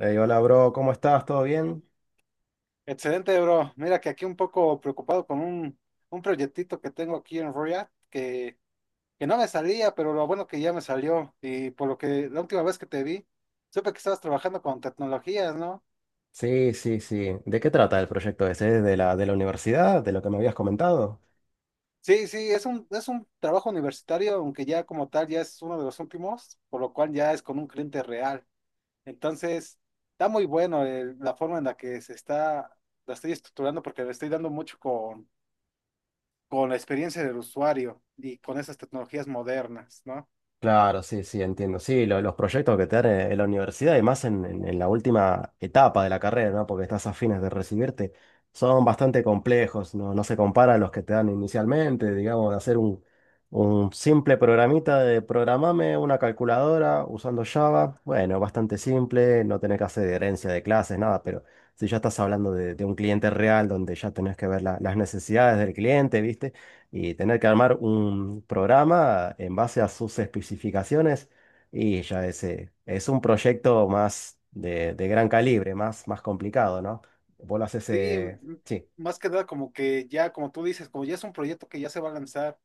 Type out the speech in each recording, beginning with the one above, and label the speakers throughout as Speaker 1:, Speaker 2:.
Speaker 1: Ey, hola, bro, ¿cómo estás? ¿Todo bien?
Speaker 2: Excelente, bro. Mira que aquí un poco preocupado con un proyectito que tengo aquí en Royal, que no me salía, pero lo bueno que ya me salió. Y por lo que la última vez que te vi, supe que estabas trabajando con tecnologías, ¿no?
Speaker 1: Sí, sí, sí. ¿De qué trata el proyecto ese? ¿De la universidad? ¿De lo que me habías comentado?
Speaker 2: Sí, sí, es un trabajo universitario, aunque ya como tal ya es uno de los últimos, por lo cual ya es con un cliente real. Entonces, está muy bueno la forma en la que se está, la estoy estructurando porque le estoy dando mucho con la experiencia del usuario y con esas tecnologías modernas, ¿no?
Speaker 1: Claro, sí, sí, entiendo. Sí, los proyectos que te dan en- en la universidad y más en la última etapa de la carrera, ¿no? Porque estás a fines de recibirte, son bastante complejos, ¿no? No se compara a los que te dan inicialmente, digamos, de hacer un simple programita de programame una calculadora usando Java. Bueno, bastante simple, no tenés que hacer herencia de clases, nada, pero si ya estás hablando de un cliente real donde ya tenés que ver las necesidades del cliente, ¿viste? Y tener que armar un programa en base a sus especificaciones, y ya ese es un proyecto más de gran calibre, más, más complicado, ¿no? Vos lo haces,
Speaker 2: Sí,
Speaker 1: sí,
Speaker 2: más que nada como que ya, como tú dices, como ya es un proyecto que ya se va a lanzar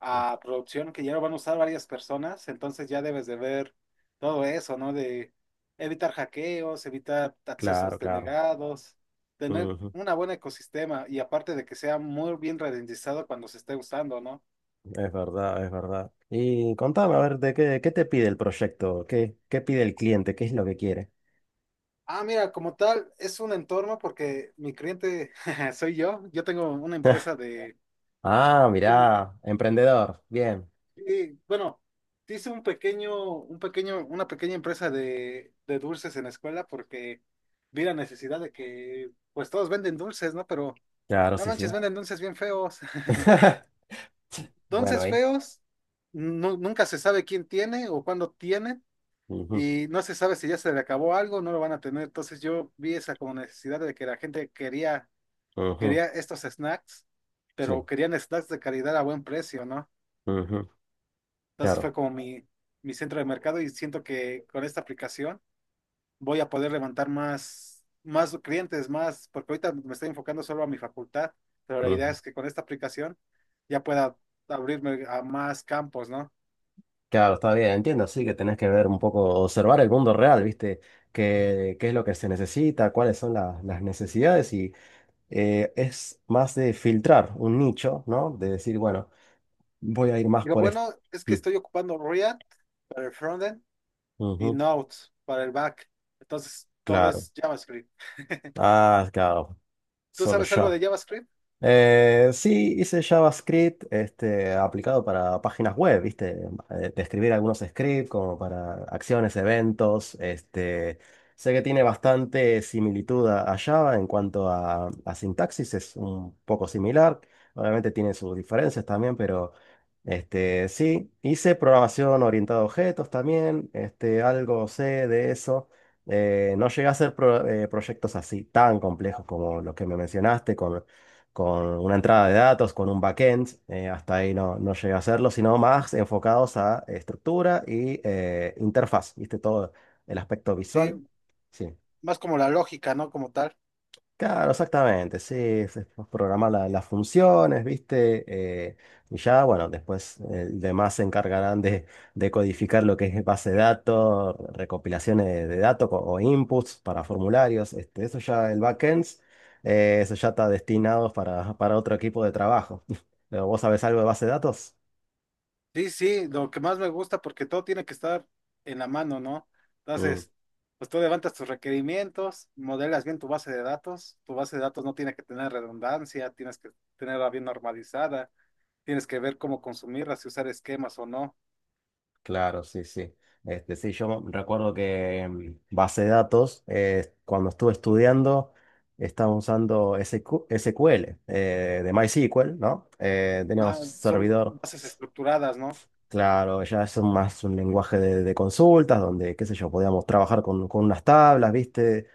Speaker 2: a producción, que ya lo van a usar varias personas, entonces ya debes de ver todo eso, ¿no? De evitar hackeos, evitar
Speaker 1: claro,
Speaker 2: accesos
Speaker 1: claro.
Speaker 2: denegados, tener
Speaker 1: Ujú.
Speaker 2: un buen ecosistema y aparte de que sea muy bien ralentizado cuando se esté usando, ¿no?
Speaker 1: Es verdad, es verdad. Y contame, a ver, qué te pide el proyecto? ¿Qué pide el cliente? ¿Qué es lo que quiere?
Speaker 2: Ah, mira, como tal, es un entorno porque mi cliente soy yo, yo tengo una empresa de...
Speaker 1: Ah,
Speaker 2: Yo tengo.
Speaker 1: mirá, emprendedor. Bien.
Speaker 2: Y bueno, sí hice una pequeña empresa de dulces en la escuela porque vi la necesidad de que, pues todos venden dulces, ¿no? Pero
Speaker 1: Claro,
Speaker 2: no
Speaker 1: sí,
Speaker 2: manches,
Speaker 1: sí.
Speaker 2: venden dulces bien feos.
Speaker 1: Bueno,
Speaker 2: Dulces
Speaker 1: ahí.
Speaker 2: feos, nunca se sabe quién tiene o cuándo tienen
Speaker 1: Ujú,
Speaker 2: y no se sabe si ya se le acabó algo, no lo van a tener. Entonces yo vi esa como necesidad de que la gente
Speaker 1: ujú.
Speaker 2: quería estos snacks, pero
Speaker 1: Sí.
Speaker 2: querían snacks de calidad a buen precio, ¿no?
Speaker 1: Ujú.
Speaker 2: Entonces fue
Speaker 1: Claro.
Speaker 2: como mi centro de mercado y siento que con esta aplicación voy a poder levantar más clientes, más, porque ahorita me estoy enfocando solo a mi facultad, pero la idea es que con esta aplicación ya pueda abrirme a más campos, ¿no?
Speaker 1: Claro, está bien, entiendo, sí que tenés que ver un poco, observar el mundo real, ¿viste? ¿Qué es lo que se necesita? ¿Cuáles son las necesidades? Y es más de filtrar un nicho, ¿no? De decir, bueno, voy a ir más
Speaker 2: Digo,
Speaker 1: por esto.
Speaker 2: bueno, es
Speaker 1: Mm,
Speaker 2: que estoy ocupando React para el frontend y
Speaker 1: ujú,
Speaker 2: Node para el back. Entonces, todo
Speaker 1: claro.
Speaker 2: es JavaScript.
Speaker 1: Ah, claro,
Speaker 2: ¿Tú
Speaker 1: solo
Speaker 2: sabes algo
Speaker 1: ya.
Speaker 2: de JavaScript?
Speaker 1: Sí, hice JavaScript, este, aplicado para páginas web, ¿viste? De escribir algunos scripts como para acciones, eventos. Este, sé que tiene bastante similitud a Java en cuanto a sintaxis, es un poco similar. Obviamente tiene sus diferencias también, pero, este, sí, hice programación orientada a objetos también, este, algo sé de eso. No llegué a hacer proyectos así tan complejos como los que me mencionaste, con una entrada de datos, con un backend, hasta ahí no, no llegué a hacerlo, sino más enfocados a estructura y, interfaz, ¿viste? Todo el aspecto visual.
Speaker 2: Sí,
Speaker 1: Sí.
Speaker 2: más como la lógica, ¿no? Como tal.
Speaker 1: Claro, exactamente, sí, se programa las funciones, ¿viste? Eh, y ya, bueno, después, demás se encargarán de codificar lo que es base de datos, recopilaciones de datos o inputs para formularios, este, eso ya, el backend, eso ya está destinado para otro equipo de trabajo. Pero, ¿vos sabés algo de base de datos?
Speaker 2: Sí, sí, lo que más me gusta porque todo tiene que estar en la mano, ¿no?
Speaker 1: Mm.
Speaker 2: Entonces, pues tú levantas tus requerimientos, modelas bien tu base de datos, tu base de datos no tiene que tener redundancia, tienes que tenerla bien normalizada, tienes que ver cómo consumirla, si usar esquemas o no.
Speaker 1: Claro, sí, sí. Este, sí, yo recuerdo que en base de datos, cuando estuve estudiando, estaba usando S Q SQ SQL, de MySQL, ¿no? Teníamos
Speaker 2: Ah, son
Speaker 1: servidor,
Speaker 2: bases estructuradas, ¿no?
Speaker 1: claro, ya es más un lenguaje de consultas, donde, qué sé yo, podíamos trabajar con unas tablas, ¿viste?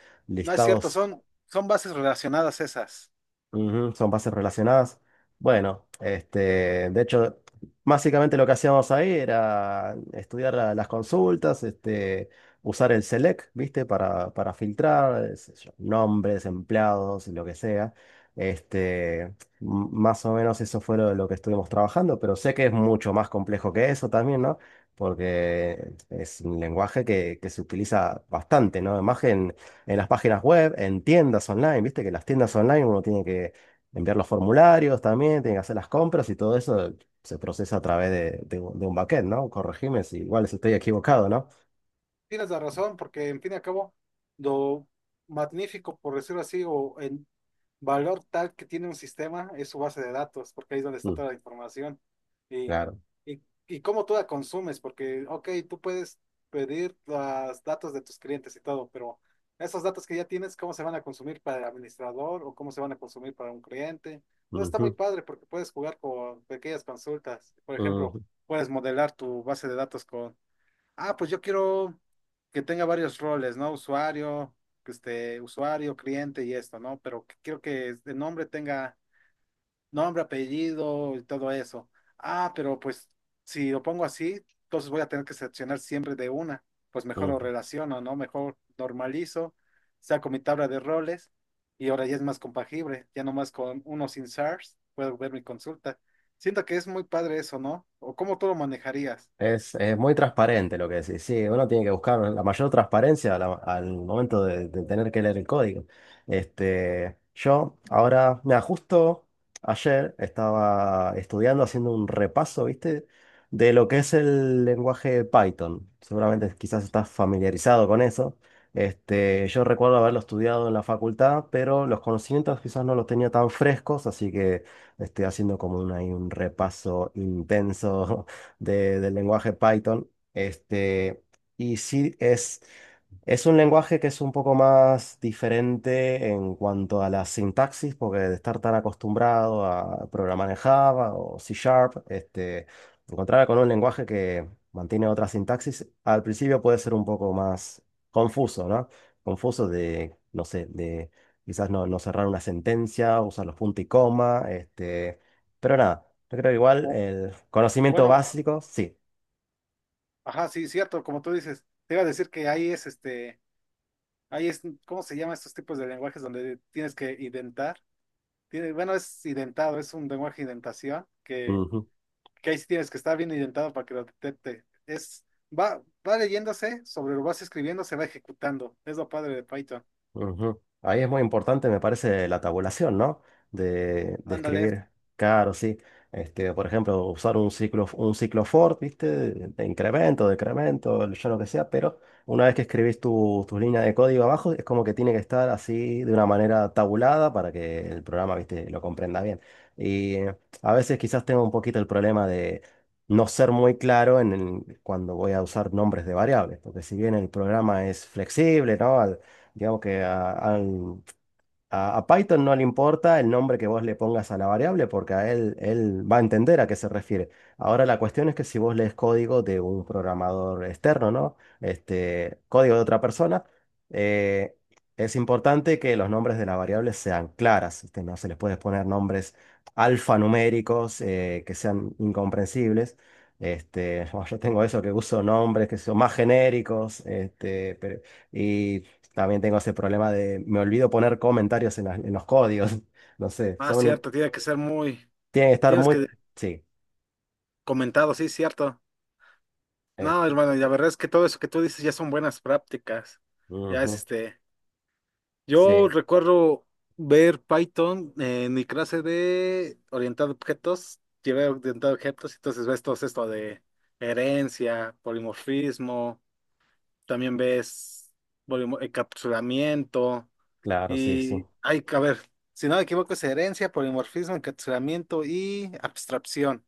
Speaker 2: No es cierto,
Speaker 1: Listados.
Speaker 2: son bases relacionadas esas.
Speaker 1: Ujú, son bases relacionadas. Bueno, este, de hecho, básicamente lo que hacíamos ahí era estudiar las consultas, este, usar el select, ¿viste? Para filtrar, sé yo, nombres, empleados, lo que sea. Este, más o menos eso fue lo que estuvimos trabajando, pero sé que es mucho más complejo que eso también, ¿no? Porque es un lenguaje que se utiliza bastante, ¿no? Imagen en las páginas web, en tiendas online, viste que las tiendas online uno tiene que enviar los formularios también, tiene que hacer las compras, y todo eso se procesa a través de un backend, ¿no? Corregime si igual si estoy equivocado, ¿no?
Speaker 2: Tienes la razón, porque en fin y al cabo, lo magnífico, por decirlo así, o el valor tal que tiene un sistema es su base de datos, porque ahí es donde está
Speaker 1: Mm,
Speaker 2: toda la información. Y,
Speaker 1: claro.
Speaker 2: y, y cómo tú la consumes, porque, ok, tú puedes pedir los datos de tus clientes y todo, pero esos datos que ya tienes, ¿cómo se van a consumir para el administrador o cómo se van a consumir para un cliente? Todo está muy
Speaker 1: Ujú,
Speaker 2: padre porque puedes jugar con pequeñas consultas. Por ejemplo,
Speaker 1: ujú,
Speaker 2: puedes modelar tu base de datos con... Ah, pues yo quiero que tenga varios roles, ¿no? Usuario, que esté usuario, cliente y esto, ¿no? Quiero que el nombre tenga nombre, apellido y todo eso. Ah, pero pues si lo pongo así, entonces voy a tener que seleccionar siempre de una. Pues mejor
Speaker 1: ujú.
Speaker 2: lo relaciono, ¿no? Mejor normalizo, saco mi tabla de roles y ahora ya es más compagible. Ya nomás con uno sin SARS puedo ver mi consulta. Siento que es muy padre eso, ¿no? ¿O cómo tú lo manejarías?
Speaker 1: Es muy transparente lo que decís. Sí, uno tiene que buscar la mayor transparencia a al momento de tener que leer el código. Este, yo ahora, me justo ayer estaba estudiando, haciendo un repaso, ¿viste? De lo que es el lenguaje Python. Seguramente quizás estás familiarizado con eso. Este, yo recuerdo haberlo estudiado en la facultad, pero los conocimientos quizás no los tenía tan frescos, así que estoy haciendo como un, ahí un repaso intenso del lenguaje Python. Este, y sí, es un lenguaje que es un poco más diferente en cuanto a la sintaxis, porque de estar tan acostumbrado a programar en Java o C Sharp, este, encontrarme con un lenguaje que mantiene otra sintaxis, al principio puede ser un poco más confuso, ¿no? Confuso de, no sé, de quizás no, no cerrar una sentencia, usar los puntos y coma, este, pero nada, yo creo que igual
Speaker 2: O,
Speaker 1: el conocimiento
Speaker 2: bueno.
Speaker 1: básico, sí.
Speaker 2: Ajá, sí, cierto, como tú dices, te iba a decir que ahí es, ¿cómo se llama estos tipos de lenguajes donde tienes que identar? Tiene, bueno, es identado, es un lenguaje de identación, que ahí sí tienes que estar bien identado para que lo detecte. Es, va, va leyéndose, sobre lo vas escribiendo, se va ejecutando. Es lo padre de Python.
Speaker 1: Ujú. Ahí es muy importante, me parece, la tabulación, ¿no? De
Speaker 2: Ándale.
Speaker 1: escribir. Claro, sí. Este, por ejemplo, usar un ciclo for, ¿viste? De incremento, decremento, yo lo que sea, pero una vez que escribís tu línea de código abajo, es como que tiene que estar así de una manera tabulada para que el programa, ¿viste?, lo comprenda bien. Y, a veces quizás tengo un poquito el problema de no ser muy claro en cuando voy a usar nombres de variables, porque si bien el programa es flexible, ¿no? Digamos que a Python no le importa el nombre que vos le pongas a la variable, porque a él va a entender a qué se refiere. Ahora la cuestión es que si vos lees código de un programador externo, ¿no? Este, código de otra persona, eh, es importante que los nombres de las variables sean claras. Este, no se les puede poner nombres alfanuméricos, que sean incomprensibles. Este, bueno, yo tengo eso que uso nombres que son más genéricos, este, y también tengo ese problema de, me olvido poner comentarios en, en los códigos. No sé,
Speaker 2: Ah, cierto, tiene que ser muy,
Speaker 1: tienen que estar
Speaker 2: tienes
Speaker 1: muy.
Speaker 2: que
Speaker 1: Sí,
Speaker 2: comentado, sí, cierto. No,
Speaker 1: esto.
Speaker 2: hermano, y la verdad es que todo eso que tú dices ya son buenas prácticas. Ya es
Speaker 1: Ujú.
Speaker 2: este.
Speaker 1: Sí,
Speaker 2: Yo recuerdo ver Python en mi clase de orientado a objetos, llevé orientado a objetos, entonces ves todo esto de herencia, polimorfismo, también ves encapsulamiento
Speaker 1: claro, sí, sí.
Speaker 2: y hay que a ver, si no me equivoco es herencia, polimorfismo, encapsulamiento y abstracción.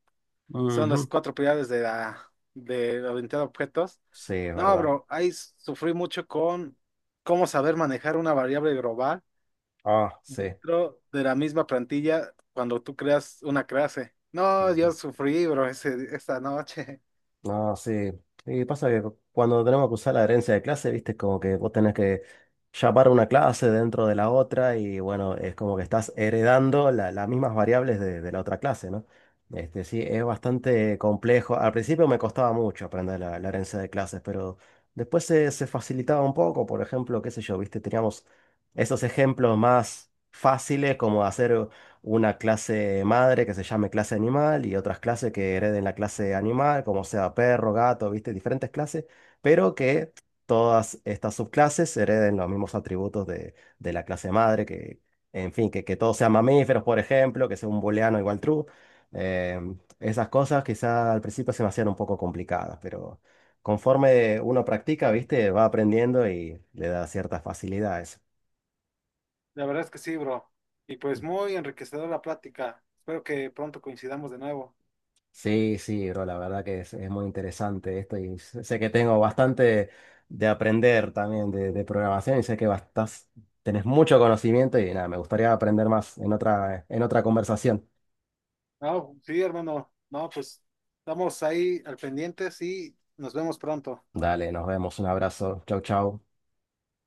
Speaker 2: Son las
Speaker 1: Ujú.
Speaker 2: cuatro prioridades de la de orientado a objetos.
Speaker 1: Sí, es
Speaker 2: No,
Speaker 1: verdad.
Speaker 2: bro, ahí sufrí mucho con cómo saber manejar una variable global
Speaker 1: Ah, sí.
Speaker 2: dentro de la misma plantilla cuando tú creas una clase. No, yo
Speaker 1: Ujú.
Speaker 2: sufrí, bro, ese, esta noche.
Speaker 1: No, sí. Y pasa que cuando tenemos que usar la herencia de clase, viste, es como que vos tenés que llamar una clase dentro de la otra, y bueno, es como que estás heredando las mismas variables de la otra clase, ¿no? Este, sí, es bastante complejo. Al principio me costaba mucho aprender la herencia de clases, pero después se facilitaba un poco. Por ejemplo, qué sé yo, viste, teníamos esos ejemplos más fáciles como hacer una clase madre que se llame clase animal y otras clases que hereden la clase animal, como sea perro, gato, ¿viste? Diferentes clases, pero que todas estas subclases hereden los mismos atributos de la clase madre, que, en fin, que todos sean mamíferos, por ejemplo, que sea un booleano igual true. Esas cosas quizá al principio se me hacían un poco complicadas, pero conforme uno practica, ¿viste?, va aprendiendo y le da cierta facilidad a eso.
Speaker 2: La verdad es que sí, bro. Y pues muy enriquecedora la plática. Espero que pronto coincidamos de nuevo.
Speaker 1: Sí, sí, bro, la verdad que es muy interesante esto, y sé que tengo bastante de aprender también de programación, y sé que tenés mucho conocimiento, y nada, me gustaría aprender más en otra conversación.
Speaker 2: No, sí, hermano. No, pues estamos ahí al pendiente y nos vemos pronto.
Speaker 1: Dale, nos vemos, un abrazo, chau, chau.